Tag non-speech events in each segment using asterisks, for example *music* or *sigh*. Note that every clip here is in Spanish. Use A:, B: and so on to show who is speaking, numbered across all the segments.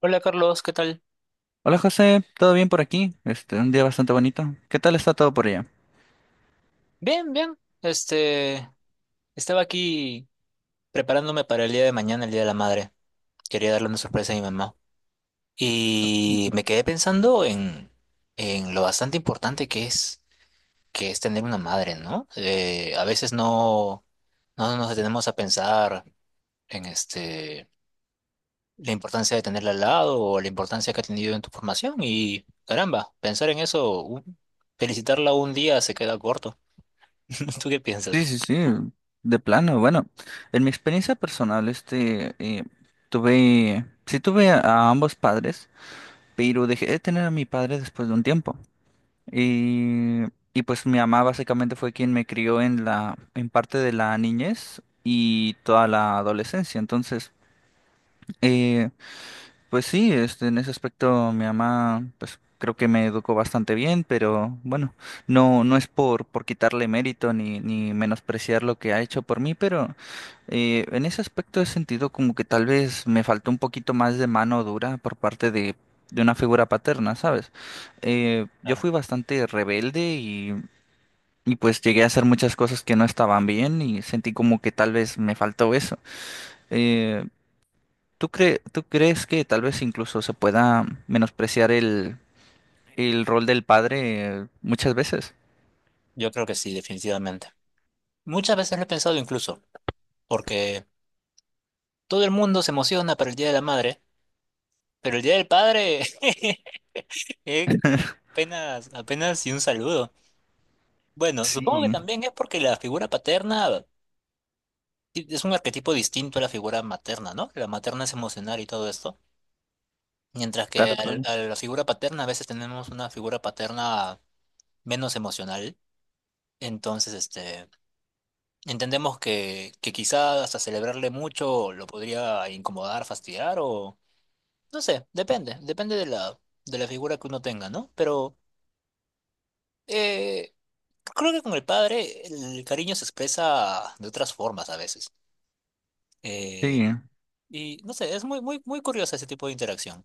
A: Hola Carlos, ¿qué tal?
B: Hola José, ¿todo bien por aquí? Este, un día bastante bonito. ¿Qué tal está todo por allá?
A: Bien, bien. Este, estaba aquí preparándome para el día de mañana, el Día de la Madre. Quería darle una sorpresa a mi mamá. Y me quedé pensando en lo bastante importante que es tener una madre, ¿no? A veces no nos detenemos a pensar en la importancia de tenerla al lado o la importancia que ha tenido en tu formación. Y caramba, pensar en eso, felicitarla un día se queda corto. *laughs* ¿Tú qué
B: Sí,
A: piensas?
B: sí, sí, de plano. Bueno, en mi experiencia personal, este, tuve, sí tuve a ambos padres, pero dejé de tener a mi padre después de un tiempo. Y, y pues mi mamá básicamente fue quien me crió en la, en parte de la niñez y toda la adolescencia. Entonces, eh, pues sí, este, en ese aspecto mi mamá, pues creo que me educó bastante bien, pero bueno, no, no es por quitarle mérito ni, ni menospreciar lo que ha hecho por mí, pero en ese aspecto he sentido como que tal vez me faltó un poquito más de mano dura por parte de una figura paterna, ¿sabes? Yo
A: Claro.
B: fui bastante rebelde y pues llegué a hacer muchas cosas que no estaban bien y sentí como que tal vez me faltó eso. Eh, ¿Tú crees que tal vez incluso se pueda menospreciar el rol del padre muchas veces?
A: Yo creo que sí, definitivamente. Muchas veces lo he pensado incluso, porque todo el mundo se emociona para el Día de la Madre, pero el Día del Padre *laughs* eh, apenas, apenas y un saludo. Bueno, supongo que
B: Sí,
A: también es porque la figura paterna, sí, es un arquetipo distinto a la figura materna, ¿no? La materna es emocional y todo esto, mientras que
B: claro,
A: al-
B: claro.
A: a la figura paterna a veces tenemos una figura paterna menos emocional, entonces, entendemos que quizás hasta celebrarle mucho lo podría incomodar, fastidiar o no sé, depende de la figura que uno tenga, ¿no? Pero eh, creo que con el padre el cariño se expresa de otras formas a veces. Eh,
B: Sí,
A: y no sé, es muy, muy, muy curioso ese tipo de interacción.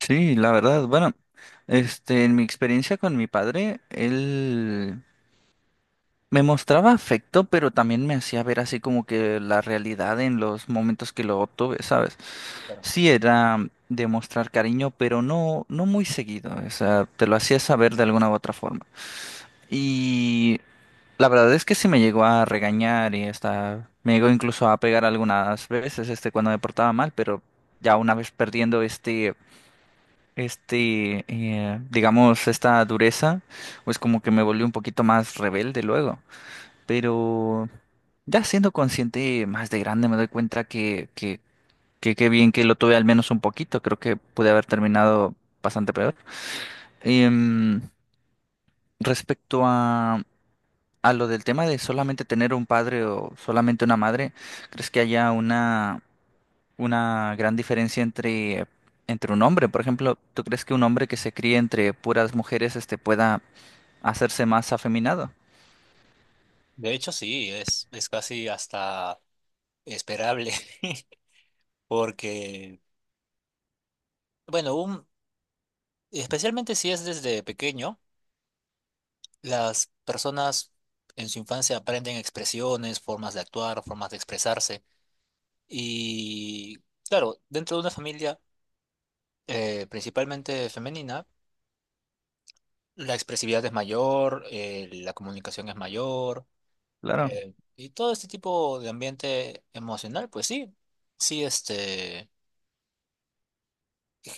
B: sí, la verdad. Bueno, este, en mi experiencia con mi padre, él me mostraba afecto, pero también me hacía ver así como que la realidad en los momentos que lo obtuve, ¿sabes?
A: Claro.
B: Sí, era demostrar cariño, pero no, no muy seguido. O sea, te lo hacía saber de alguna u otra forma. Y la verdad es que sí me llegó a regañar y hasta me llegó incluso a pegar algunas veces este cuando me portaba mal, pero ya una vez perdiendo este digamos esta dureza, pues como que me volví un poquito más rebelde luego, pero ya siendo consciente más de grande me doy cuenta que que qué bien que lo tuve al menos un poquito, creo que pude haber terminado bastante peor. Em, Respecto a lo del tema de solamente tener un padre o solamente una madre, ¿crees que haya una gran diferencia entre, entre un hombre? Por ejemplo, ¿tú crees que un hombre que se críe entre puras mujeres este, pueda hacerse más afeminado?
A: De hecho, sí, es casi hasta esperable *laughs* porque, bueno, especialmente si es desde pequeño. Las personas en su infancia aprenden expresiones, formas de actuar, formas de expresarse. Y claro, dentro de una familia principalmente femenina, la expresividad es mayor, la comunicación es mayor,
B: Claro.
A: y todo este tipo de ambiente emocional, pues sí, sí,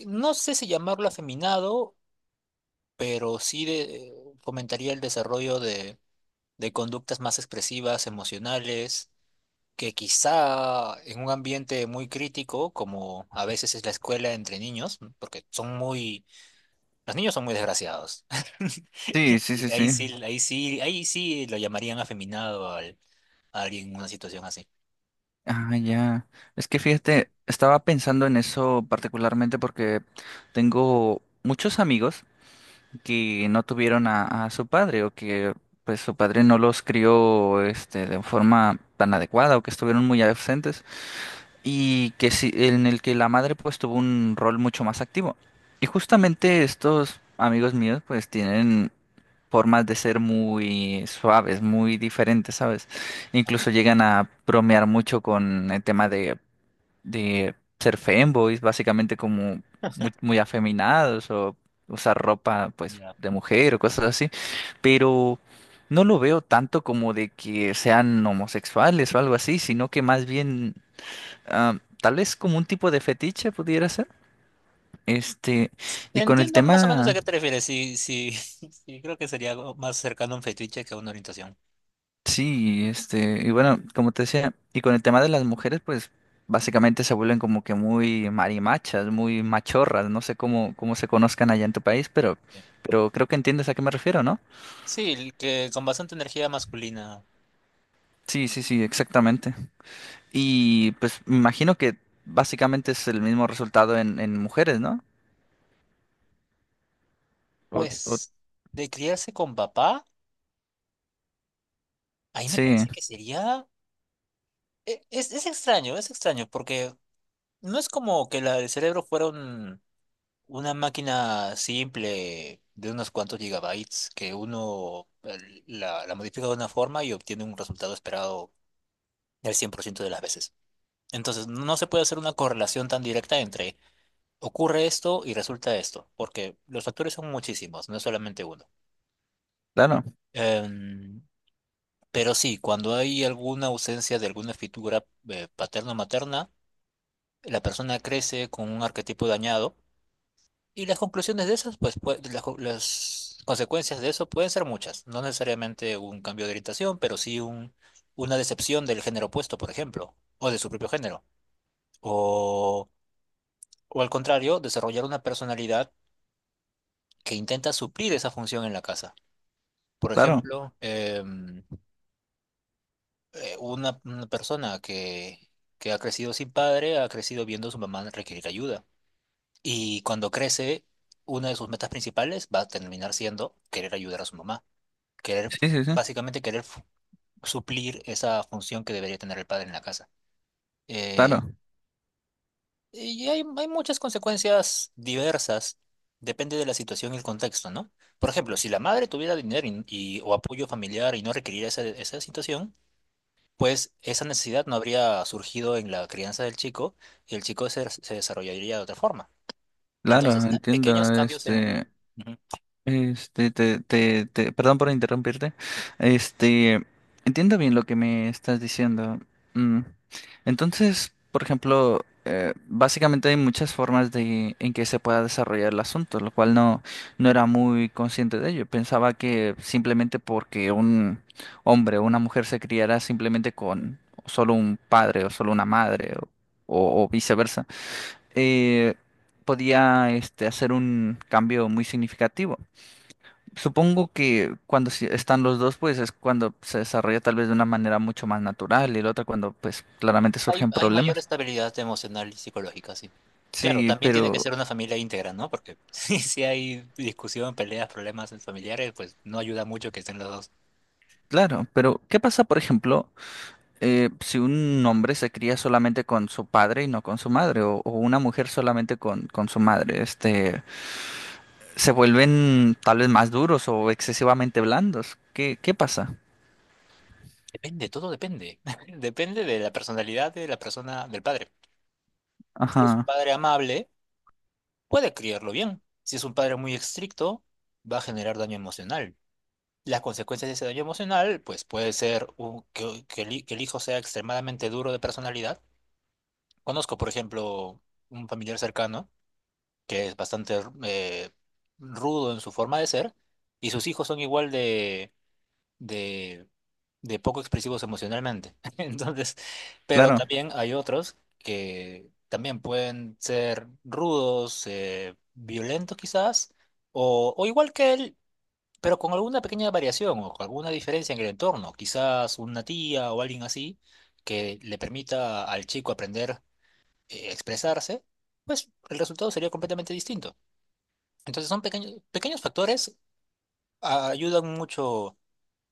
A: no sé si llamarlo afeminado, pero sí fomentaría el desarrollo de conductas más expresivas, emocionales que quizá en un ambiente muy crítico, como a veces es la escuela entre niños, porque los niños son muy desgraciados. *laughs*
B: Sí, sí, sí,
A: Y ahí
B: sí.
A: sí, ahí sí, ahí sí lo llamarían afeminado a alguien en una situación así.
B: Ah, ya. Es que fíjate, estaba pensando en eso particularmente porque tengo muchos amigos que no tuvieron a su padre o que pues su padre no los crió este de forma tan adecuada o que estuvieron muy ausentes y que sí, en el que la madre pues tuvo un rol mucho más activo. Y justamente estos amigos míos pues tienen formas de ser muy suaves, muy diferentes, ¿sabes?
A: Ah,
B: Incluso llegan a bromear mucho con el tema de ser femboys, básicamente como muy, muy afeminados o usar ropa pues
A: ya.
B: de mujer o cosas así, pero no lo veo tanto como de que sean homosexuales o algo así, sino que más bien ah, tal vez como un tipo de fetiche pudiera ser. Este, y con el
A: Entiendo más o menos a
B: tema
A: qué te refieres. Sí, sí, *laughs* sí, creo que sería algo más cercano a un fetiche que a una orientación.
B: Sí, este, y bueno, como te decía, y con el tema de las mujeres, pues básicamente se vuelven como que muy marimachas, muy machorras, no sé cómo, cómo se conozcan allá en tu país,
A: Sí,
B: pero creo que entiendes a qué me refiero, ¿no?
A: sí, el que con bastante energía masculina.
B: Sí, sí, sí, exactamente. Y pues me imagino que básicamente es el mismo resultado en mujeres, ¿no? O-
A: Pues, de criarse con papá, ahí me
B: sí,
A: parece que sería. Es extraño, es extraño, porque no es como que la del cerebro fuera una máquina simple de unos cuantos gigabytes, que uno la modifica de una forma y obtiene un resultado esperado del 100% de las veces. Entonces, no se puede hacer una correlación tan directa entre ocurre esto y resulta esto, porque los factores son muchísimos, no es solamente uno.
B: claro,
A: Em, pero sí, cuando hay alguna ausencia de alguna figura paterno-materna, la persona crece con un arquetipo dañado y las conclusiones de esas, pues, las consecuencias de eso pueden ser muchas. No necesariamente un cambio de orientación, pero sí una decepción del género opuesto, por ejemplo, o de su propio género. O, o al contrario, desarrollar una personalidad que intenta suplir esa función en la casa. Por
B: claro,
A: ejemplo, una persona que ha crecido sin padre, ha crecido viendo a su mamá requerir ayuda. Y cuando crece, una de sus metas principales va a terminar siendo querer ayudar a su mamá, querer,
B: sí, sí, sí,
A: básicamente querer suplir esa función que debería tener el padre en la casa. Eh,
B: claro,
A: y hay muchas consecuencias diversas, depende de la situación y el contexto, ¿no? Por ejemplo, si la madre tuviera dinero o apoyo familiar y no requeriría esa situación, pues esa necesidad no habría surgido en la crianza del chico y el chico se desarrollaría de otra forma.
B: claro,
A: Entonces,
B: entiendo,
A: pequeños cambios en el...
B: este.
A: Ujú.
B: Este, perdón por interrumpirte. Este, entiendo bien lo que me estás diciendo. Mm, entonces, por ejemplo, básicamente hay muchas formas de en que se pueda desarrollar el asunto, lo cual no, no era muy consciente de ello. Pensaba que simplemente porque un hombre o una mujer se criara simplemente con solo un padre o solo una madre o viceversa, eh, podía este, hacer un cambio muy significativo. Supongo que cuando sí están los dos, pues es cuando se desarrolla tal vez de una manera mucho más natural y la otra cuando pues claramente
A: Hay,
B: surgen
A: hay mayor
B: problemas.
A: estabilidad emocional y psicológica, sí. Claro,
B: Sí,
A: también tiene que
B: pero
A: ser una familia íntegra, ¿no? Porque *laughs* si hay discusión, peleas, problemas familiares, pues no ayuda mucho que estén los dos.
B: claro, pero ¿qué pasa, por ejemplo, si un hombre se cría solamente con su padre y no con su madre o una mujer solamente con su madre? Este, se vuelven tal vez más duros o excesivamente blandos. ¿Qué, qué pasa?
A: Depende, todo depende. *laughs* Depende de la personalidad de la persona, del padre. Si es un
B: Ajá,
A: padre amable, puede criarlo bien. Si es un padre muy estricto, va a generar daño emocional. Las consecuencias de ese daño emocional, pues puede ser que el hijo sea extremadamente duro de personalidad. Conozco, por ejemplo, un familiar cercano que es bastante rudo en su forma de ser, y sus hijos son igual de, de poco expresivos emocionalmente. *laughs* Entonces, pero
B: claro,
A: también hay otros que también pueden ser rudos, violentos quizás, o igual que él, pero con alguna pequeña variación o con alguna diferencia en el entorno, quizás una tía o alguien así que le permita al chico aprender a expresarse, pues el resultado sería completamente distinto. Entonces son pequeños factores, ayudan mucho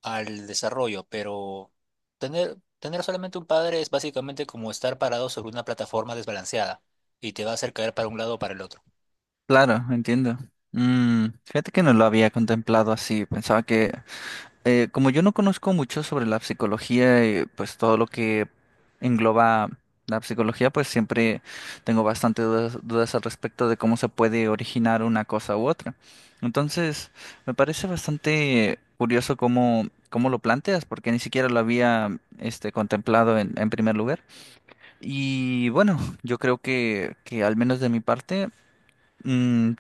A: al desarrollo, pero tener solamente un padre es básicamente como estar parado sobre una plataforma desbalanceada y te va a hacer caer para un lado o para el otro.
B: claro, entiendo. Mm, fíjate que no lo había contemplado así, pensaba que como yo no conozco mucho sobre la psicología y pues todo lo que engloba la psicología, pues siempre tengo bastante dudas, dudas al respecto de cómo se puede originar una cosa u otra. Entonces, me parece bastante curioso cómo, cómo lo planteas, porque ni siquiera lo había este, contemplado en primer lugar. Y bueno, yo creo que al menos de mi parte. Mm,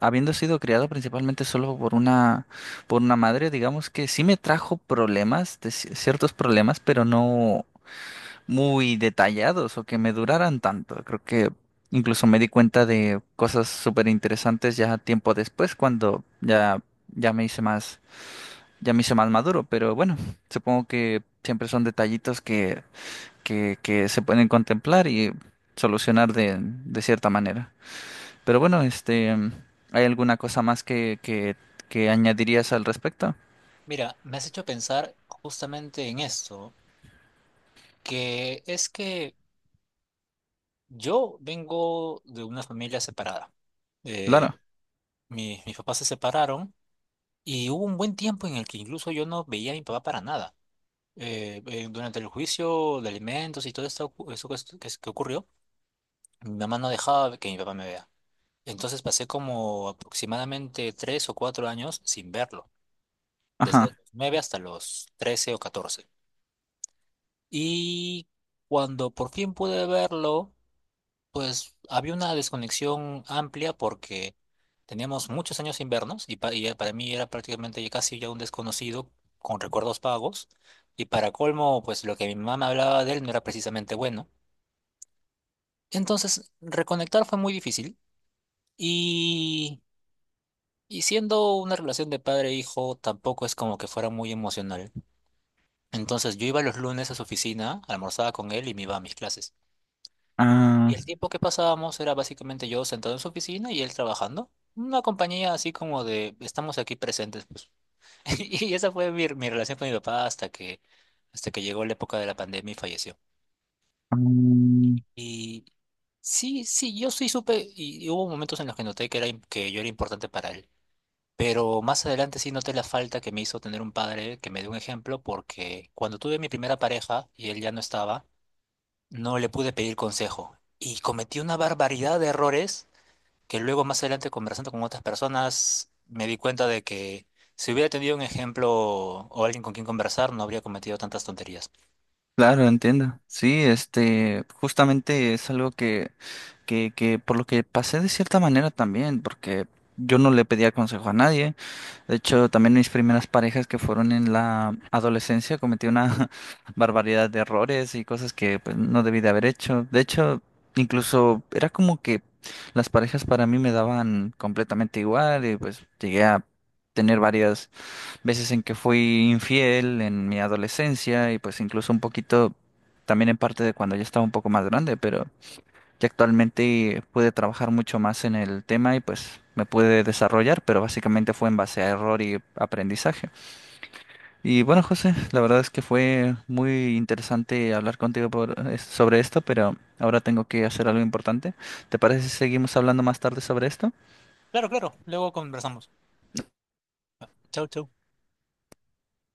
B: habiendo sido criado principalmente solo por una madre, digamos que sí me trajo problemas, de ci- ciertos problemas, pero no muy detallados o que me duraran tanto. Creo que incluso me di cuenta de cosas súper interesantes ya tiempo después, cuando ya, ya me hice más, ya me hice más maduro. Pero bueno, supongo que siempre son detallitos que se pueden contemplar y solucionar de cierta manera. Pero bueno, este, ¿hay alguna cosa más que añadirías al respecto?
A: Mira, me has hecho pensar justamente en esto, que es que yo vengo de una familia separada. Eh,
B: Claro.
A: mis papás se separaron y hubo un buen tiempo en el que incluso yo no veía a mi papá para nada. Durante el juicio de alimentos y todo esto, eso que ocurrió, mi mamá no dejaba que mi papá me vea. Entonces pasé como aproximadamente 3 o 4 años sin verlo, desde
B: Ajá.
A: los 9 hasta los 13 o 14. Y cuando por fin pude verlo, pues había una desconexión amplia porque teníamos muchos años sin vernos y para mí era prácticamente ya casi ya un desconocido con recuerdos vagos. Y para colmo, pues lo que mi mamá me hablaba de él no era precisamente bueno. Entonces, reconectar fue muy difícil y, y siendo una relación de padre-hijo tampoco es como que fuera muy emocional. Entonces, yo iba los lunes a su oficina, almorzaba con él y me iba a mis clases. Y
B: Ah,
A: el tiempo que pasábamos era básicamente yo sentado en su oficina y él trabajando. Una compañía así como de estamos aquí presentes, pues. *laughs* Y esa fue mi relación con mi papá hasta que llegó la época de la pandemia y falleció.
B: mm,
A: Y sí, sí, yo sí supe y hubo momentos en los que noté que yo era importante para él. Pero más adelante sí noté la falta que me hizo tener un padre que me dio un ejemplo, porque cuando tuve mi primera pareja y él ya no estaba, no le pude pedir consejo. Y cometí una barbaridad de errores que luego más adelante conversando con otras personas me di cuenta de que si hubiera tenido un ejemplo o alguien con quien conversar, no habría cometido tantas tonterías.
B: claro, entiendo.
A: Sí.
B: Sí, este, justamente es algo que por lo que pasé de cierta manera también, porque yo no le pedía consejo a nadie. De hecho, también mis primeras parejas que fueron en la adolescencia cometí una *laughs* barbaridad de errores y cosas que pues, no debí de haber hecho. De hecho, incluso era como que las parejas para mí me daban completamente igual y pues llegué a tener varias veces en que fui infiel en mi adolescencia y pues incluso un poquito también en parte de cuando ya estaba un poco más grande, pero que actualmente pude trabajar mucho más en el tema y pues me pude desarrollar, pero básicamente fue en base a error y aprendizaje. Y bueno, José, la verdad es que fue muy interesante hablar contigo sobre esto, pero ahora tengo que hacer algo importante. ¿Te parece si seguimos hablando más tarde sobre esto?
A: Claro, claro, luego conversamos. Chau, chau.